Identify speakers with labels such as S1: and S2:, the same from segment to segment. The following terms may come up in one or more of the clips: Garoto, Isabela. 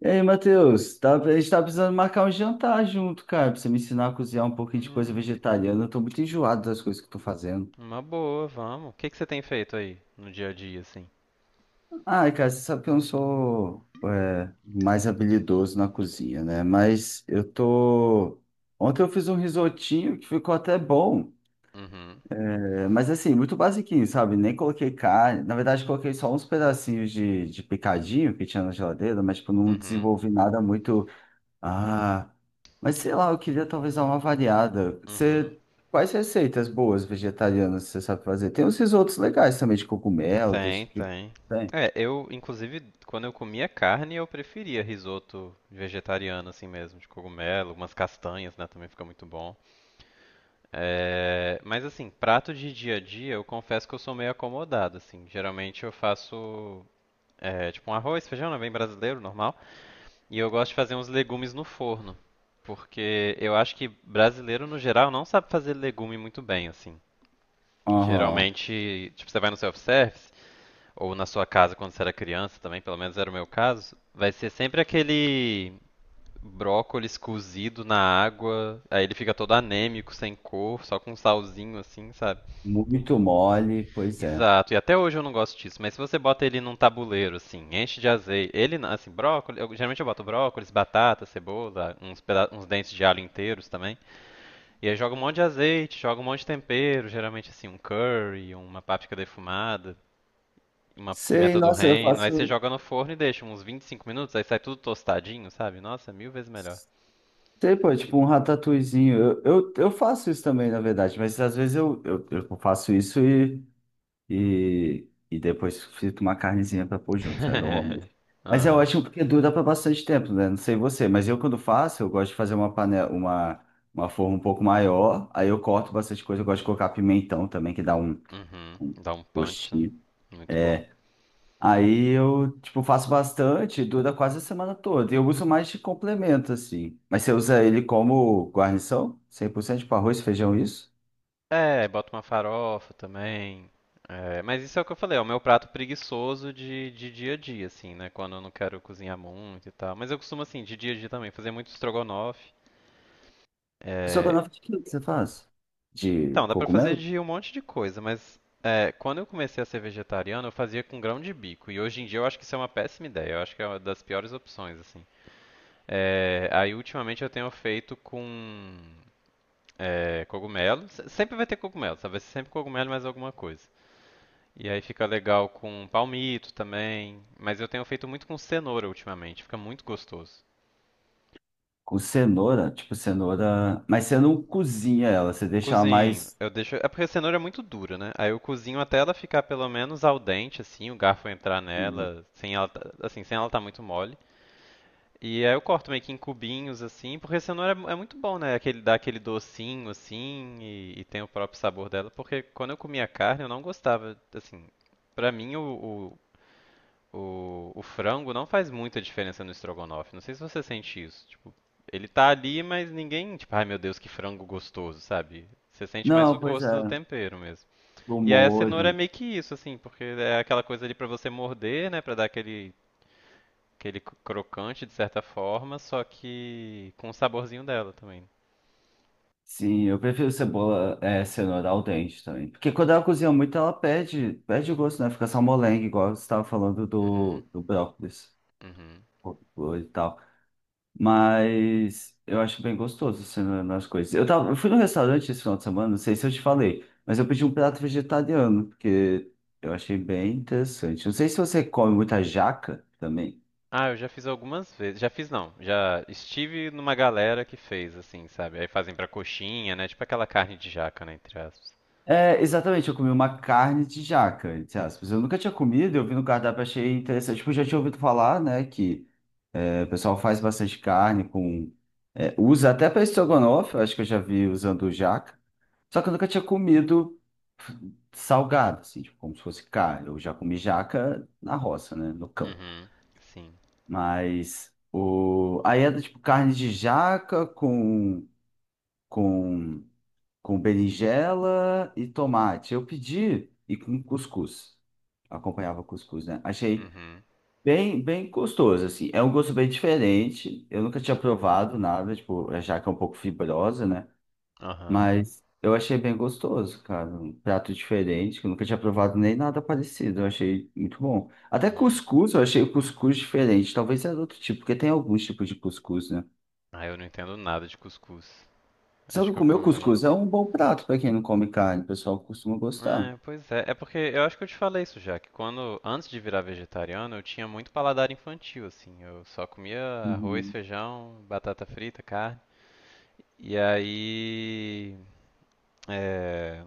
S1: E aí, Matheus, tá, a gente tá precisando marcar um jantar junto, cara, pra você me ensinar a cozinhar um pouquinho de coisa
S2: Hum,
S1: vegetariana. Eu tô muito enjoado das coisas que eu tô fazendo.
S2: uma boa, vamos. O que que você tem feito aí no dia a dia, assim?
S1: Ai, cara, você sabe que eu não sou mais habilidoso na cozinha, né? Mas eu tô. Ontem eu fiz um risotinho que ficou até bom,
S2: Uhum.
S1: mas assim, muito basiquinho, sabe? Nem coloquei carne. Na verdade, coloquei só uns pedacinhos de picadinho que tinha na geladeira, mas tipo, não
S2: Uhum.
S1: desenvolvi nada muito. Ah, mas sei lá, eu queria talvez dar uma variada.
S2: Uhum.
S1: Você, quais receitas boas vegetarianas você sabe fazer? Tem uns risotos legais também de cogumelo, desse
S2: Tem,
S1: tipo de...
S2: tem.
S1: Tem?
S2: É, eu, inclusive, quando eu comia carne, eu preferia risoto vegetariano, assim mesmo, de cogumelo, umas castanhas, né, também fica muito bom. É, mas, assim, prato de dia a dia, eu confesso que eu sou meio acomodado, assim. Geralmente eu faço, é, tipo, um arroz, feijão, né, bem brasileiro, normal. E eu gosto de fazer uns legumes no forno, porque eu acho que brasileiro no geral não sabe fazer legume muito bem, assim.
S1: Aham,
S2: Geralmente, tipo, você vai no self-service ou na sua casa quando você era criança também, pelo menos era o meu caso, vai ser sempre aquele brócolis cozido na água, aí ele fica todo anêmico, sem cor, só com um salzinho assim, sabe?
S1: muito mole, pois é.
S2: Exato, e até hoje eu não gosto disso, mas se você bota ele num tabuleiro, assim, enche de azeite, ele, na- assim, brócolis, eu, geralmente eu boto brócolis, batata, cebola, uns dentes de alho inteiros também, e aí joga um monte de azeite, joga um monte de tempero, geralmente, assim, um curry, uma páprica defumada, uma
S1: Sei,
S2: pimenta do
S1: nossa, eu
S2: reino, aí você
S1: faço...
S2: joga no forno e deixa uns 25 minutos, aí sai tudo tostadinho, sabe? Nossa, mil vezes melhor.
S1: Sei, pô, tipo um ratatouillezinho. Eu faço isso também, na verdade, mas às vezes eu faço isso e... E depois frita uma carnezinha pra pôr junto, né, normalmente. Mas é
S2: Aham.
S1: ótimo porque dura pra bastante tempo, né? Não sei você, mas eu quando faço, eu gosto de fazer uma panela, uma forma um pouco maior, aí eu corto bastante coisa, eu gosto de colocar pimentão também, que dá
S2: Uhum,
S1: um
S2: dá um punch, né?
S1: gostinho.
S2: Muito bom.
S1: É, aí eu, tipo, faço bastante, dura quase a semana toda. E eu uso mais de complemento, assim. Mas você usa ele como guarnição? 100% para arroz, feijão, isso?
S2: É, bota uma farofa também. É, mas isso é o que eu falei, é o meu prato preguiçoso de dia a dia, assim, né? Quando eu não quero cozinhar muito e tal. Mas eu costumo, assim, de dia a dia também, fazer muito estrogonofe.
S1: Só que eu
S2: É,
S1: não fiz o que você faz? De
S2: então, dá pra fazer
S1: cogumelo?
S2: de um monte de coisa, mas é, quando eu comecei a ser vegetariano, eu fazia com grão de bico. E hoje em dia eu acho que isso é uma péssima ideia, eu acho que é uma das piores opções, assim. É, aí, ultimamente, eu tenho feito com cogumelo. Sempre vai ter cogumelo, sabe? Vai ser sempre cogumelo e mais alguma coisa. E aí fica legal com palmito também, mas eu tenho feito muito com cenoura ultimamente, fica muito gostoso.
S1: Com cenoura, tipo cenoura. Mas você não cozinha ela, você deixa ela
S2: Cozinho,
S1: mais.
S2: eu deixo. É porque a cenoura é muito dura, né? Aí eu cozinho até ela ficar pelo menos al dente, assim, o garfo entrar nela, sem ela tá muito mole. E aí eu corto meio que em cubinhos, assim, porque a cenoura é muito bom, né? Aquele, dá aquele docinho, assim, e tem o próprio sabor dela. Porque quando eu comia carne, eu não gostava, assim. Pra mim, o o frango não faz muita diferença no estrogonofe. Não sei se você sente isso. Tipo, ele tá ali, mas ninguém, tipo, ai meu Deus, que frango gostoso, sabe? Você sente mais o
S1: Não, pois
S2: gosto do
S1: é,
S2: tempero mesmo.
S1: no
S2: E aí a cenoura é
S1: molho.
S2: meio que isso, assim, porque é aquela coisa ali pra você morder, né, pra dar aquele crocante de certa forma, só que com o saborzinho dela também.
S1: Sim, eu prefiro cebola, é, cenoura al dente também. Porque quando ela cozinha muito, ela perde, perde o gosto, né? Fica só molenga, igual você estava falando
S2: Uhum.
S1: do brócolis
S2: Uhum.
S1: e tal. Mas eu acho bem gostoso assim, na- nas coisas. Eu tava, eu fui no restaurante esse final de semana, não sei se eu te falei, mas eu pedi um prato vegetariano, porque eu achei bem interessante. Não sei se você come muita jaca também.
S2: Ah, eu já fiz algumas vezes. Já fiz não. Já estive numa galera que fez, assim, sabe? Aí fazem pra coxinha, né? Tipo aquela carne de jaca, né? Entre aspas.
S1: É, exatamente, eu comi uma carne de jaca, entre aspas. Eu nunca tinha comido, eu vi no cardápio, achei interessante. Tipo, eu já tinha ouvido falar, né, que o pessoal faz bastante carne com... usa até para estrogonofe, eu acho que eu já vi usando jaca. Só que eu nunca tinha comido salgado, assim, tipo, como se fosse carne. Eu já comi jaca na roça, né? No campo.
S2: Uhum. Sim.
S1: Mas o... aí era tipo carne de jaca com, com berinjela e tomate. Eu pedi e com cuscuz. Acompanhava cuscuz, né? Achei
S2: Uhum.
S1: bem gostoso, assim. É um gosto bem diferente. Eu nunca tinha provado nada, tipo, a jaca é um pouco fibrosa, né?
S2: Aham.
S1: Mas eu achei bem gostoso, cara. Um prato diferente, que eu nunca tinha provado nem nada parecido. Eu achei muito bom. Até
S2: Uhum.
S1: cuscuz, eu achei o cuscuz diferente. Talvez era outro tipo, porque tem alguns tipos de cuscuz, né?
S2: Ah, eu não entendo nada de cuscuz.
S1: Só
S2: Acho
S1: que
S2: que eu
S1: comer o
S2: comi.
S1: cuscuz é um bom prato para quem não come carne. O pessoal costuma gostar.
S2: É, pois é. É porque eu acho que eu te falei isso já, que quando, antes de virar vegetariano, eu tinha muito paladar infantil, assim. Eu só comia arroz,
S1: Uhum.
S2: feijão, batata frita, carne. E aí, é,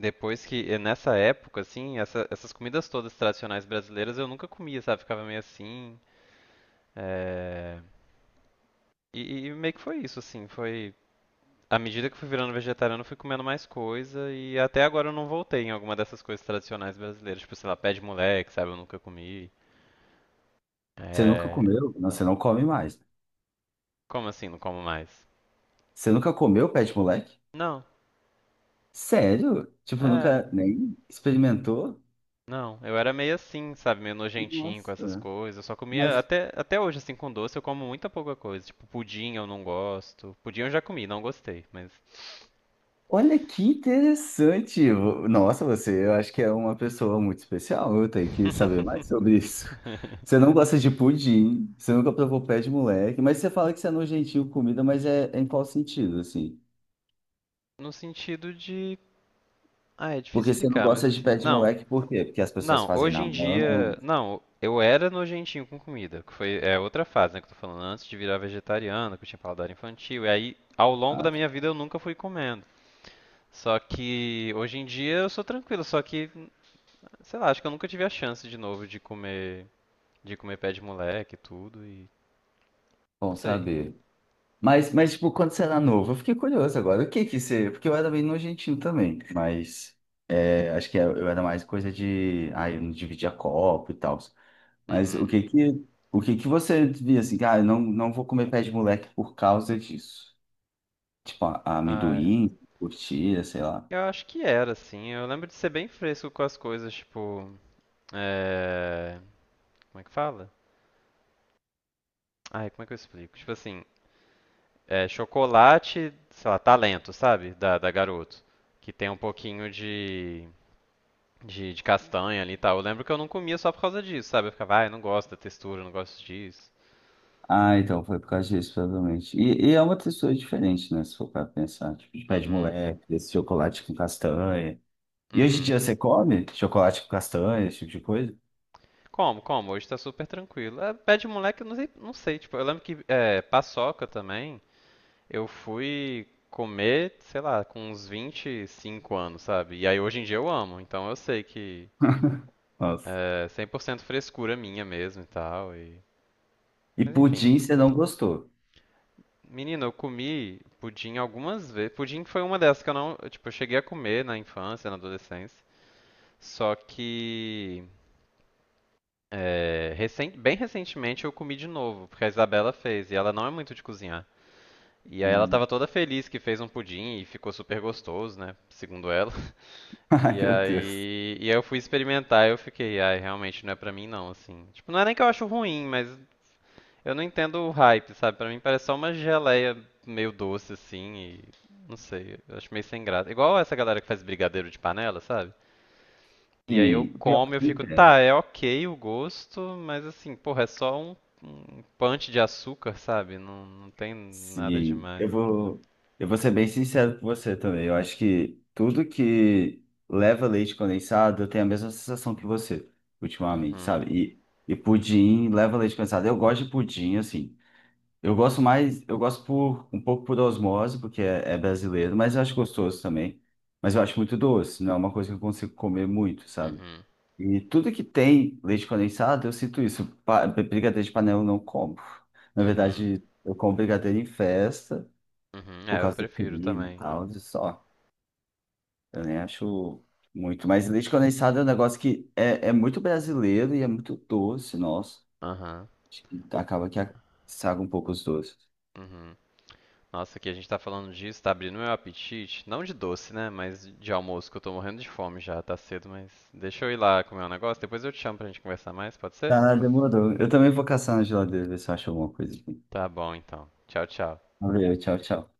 S2: depois que, e nessa época, assim, essas comidas todas tradicionais brasileiras eu nunca comia, sabe? Ficava meio assim. É, e meio que foi isso, assim. Foi À medida que eu fui virando vegetariano, eu fui comendo mais coisa e até agora eu não voltei em alguma dessas coisas tradicionais brasileiras. Tipo, sei lá, pé de moleque, sabe? Eu nunca comi.
S1: Você nunca
S2: É...
S1: comeu? Não, você não come mais.
S2: Como assim, não como mais?
S1: Você nunca comeu pé de moleque?
S2: Não,
S1: Sério? Tipo,
S2: é...
S1: nunca nem experimentou?
S2: Não, eu era meio assim, sabe? Meio nojentinho com essas
S1: Nossa.
S2: coisas. Eu só comia,
S1: Mas
S2: até hoje, assim, com doce, eu como muita pouca coisa. Tipo, pudim eu não gosto. Pudim eu já comi, não gostei, mas...
S1: olha que interessante. Vo- Nossa, você, eu acho que é uma pessoa muito especial. Eu tenho que saber mais sobre isso. Você não gosta de pudim, você nunca provou pé de moleque, mas você fala que você é nojentinho com comida, mas é em qual sentido, assim?
S2: No sentido de... Ah, é difícil
S1: Porque você não
S2: explicar, mas
S1: gosta de
S2: assim...
S1: pé de
S2: Não,
S1: moleque, por quê? Porque as pessoas
S2: Não,
S1: fazem
S2: hoje
S1: na
S2: em dia.
S1: mão.
S2: Não, eu era nojentinho com comida, que foi é outra fase, né, que eu tô falando, antes de virar vegetariano, que eu tinha paladar infantil, e aí ao longo
S1: Ah,
S2: da
S1: tá.
S2: minha vida eu nunca fui comendo. Só que hoje em dia eu sou tranquilo, só que, sei lá, acho que eu nunca tive a chance de novo de comer pé de moleque e tudo e não
S1: Bom
S2: sei.
S1: saber. Mas, tipo, quando você era novo, eu fiquei curioso agora. O que que você. Porque eu era bem nojentinho também, mas acho que é, eu era mais coisa de. Ah, eu não dividia copo e tal. Mas
S2: Uhum.
S1: o que que você via assim, cara, ah, não vou comer pé de moleque por causa disso. Tipo, a
S2: Ah, é.
S1: amendoim, curtira, sei lá.
S2: Eu acho que era assim. Eu lembro de ser bem fresco com as coisas, tipo, é... como é que fala? Ai, como é que eu explico? Tipo assim, é chocolate, sei lá, talento, sabe? Da Garoto. Que tem um pouquinho de, de castanha ali e tal. Eu lembro que eu não comia só por causa disso, sabe? Eu ficava, ai, não gosto da textura, não gosto disso.
S1: Ah, então foi por causa disso, provavelmente. E é uma textura diferente, né? Se for pra pensar, tipo, de pé de
S2: Uhum.
S1: moleque, desse chocolate com castanha. E hoje em
S2: Uhum.
S1: dia você come chocolate com castanha, esse tipo de coisa?
S2: Como, como? Hoje tá super tranquilo. É, pé de moleque, eu não sei, não sei. Tipo, eu lembro que é, paçoca também, eu fui comer, sei lá, com uns 25 anos, sabe? E aí hoje em dia eu amo, então eu sei que
S1: Nossa.
S2: é 100% frescura minha mesmo e tal.
S1: E
S2: Mas enfim,
S1: pudim você não gostou.
S2: menina, eu comi pudim algumas vezes. Pudim foi uma dessas que eu não, tipo, eu cheguei a comer na infância, na adolescência. Só que bem recentemente eu comi de novo, porque a Isabela fez e ela não é muito de cozinhar. E aí ela
S1: Hum.
S2: tava toda feliz que fez um pudim e ficou super gostoso, né, segundo ela.
S1: Ai,
S2: E
S1: meu Deus.
S2: aí, e aí eu fui experimentar e eu fiquei, ai, realmente não é pra mim não, assim. Tipo, não é nem que eu acho ruim, mas eu não entendo o hype, sabe? Pra mim parece só uma geleia meio doce assim e não sei, eu acho meio sem graça. Igual essa galera que faz brigadeiro de panela, sabe? E aí eu
S1: Sim, pior é
S2: como e
S1: que
S2: eu
S1: me
S2: fico,
S1: entendo.
S2: tá, é ok o gosto, mas assim, porra, é só um punch de açúcar, sabe? Não, não tem nada
S1: Sim,
S2: demais.
S1: eu vou ser bem sincero com você também. Eu acho que tudo que leva leite condensado, eu tenho a mesma sensação que você ultimamente,
S2: Uhum.
S1: sabe? E pudim leva leite condensado. Eu gosto de pudim, assim. Eu gosto mais, eu gosto por um pouco por osmose, porque é brasileiro, mas eu acho gostoso também. Mas eu acho muito doce, não é uma coisa que eu consigo comer muito, sabe?
S2: Uhum.
S1: E tudo que tem leite condensado, eu sinto isso. Pa- Brigadeiro de panela eu não como. Na
S2: Uhum.
S1: verdade, eu como brigadeiro em festa,
S2: Uhum.
S1: por
S2: É, eu
S1: causa do
S2: prefiro
S1: creme e
S2: também.
S1: tal, e só. Eu nem acho muito. Mas leite condensado é um negócio que é muito brasileiro e é muito doce, nossa.
S2: Aham.
S1: Acho que
S2: O-
S1: acaba que estraga um pouco os doces.
S2: Uhum. Nossa, que a gente tá falando disso, tá abrindo meu apetite. Não de doce, né? Mas de almoço, que eu tô morrendo de fome já, tá cedo, mas deixa eu ir lá comer um negócio, depois eu te chamo pra gente conversar mais, pode ser?
S1: Tá, demorou. Eu também vou caçar na geladeira, ver se eu acho alguma coisa aqui.
S2: Tá bom então. Tchau, tchau.
S1: Valeu, tchau, tchau.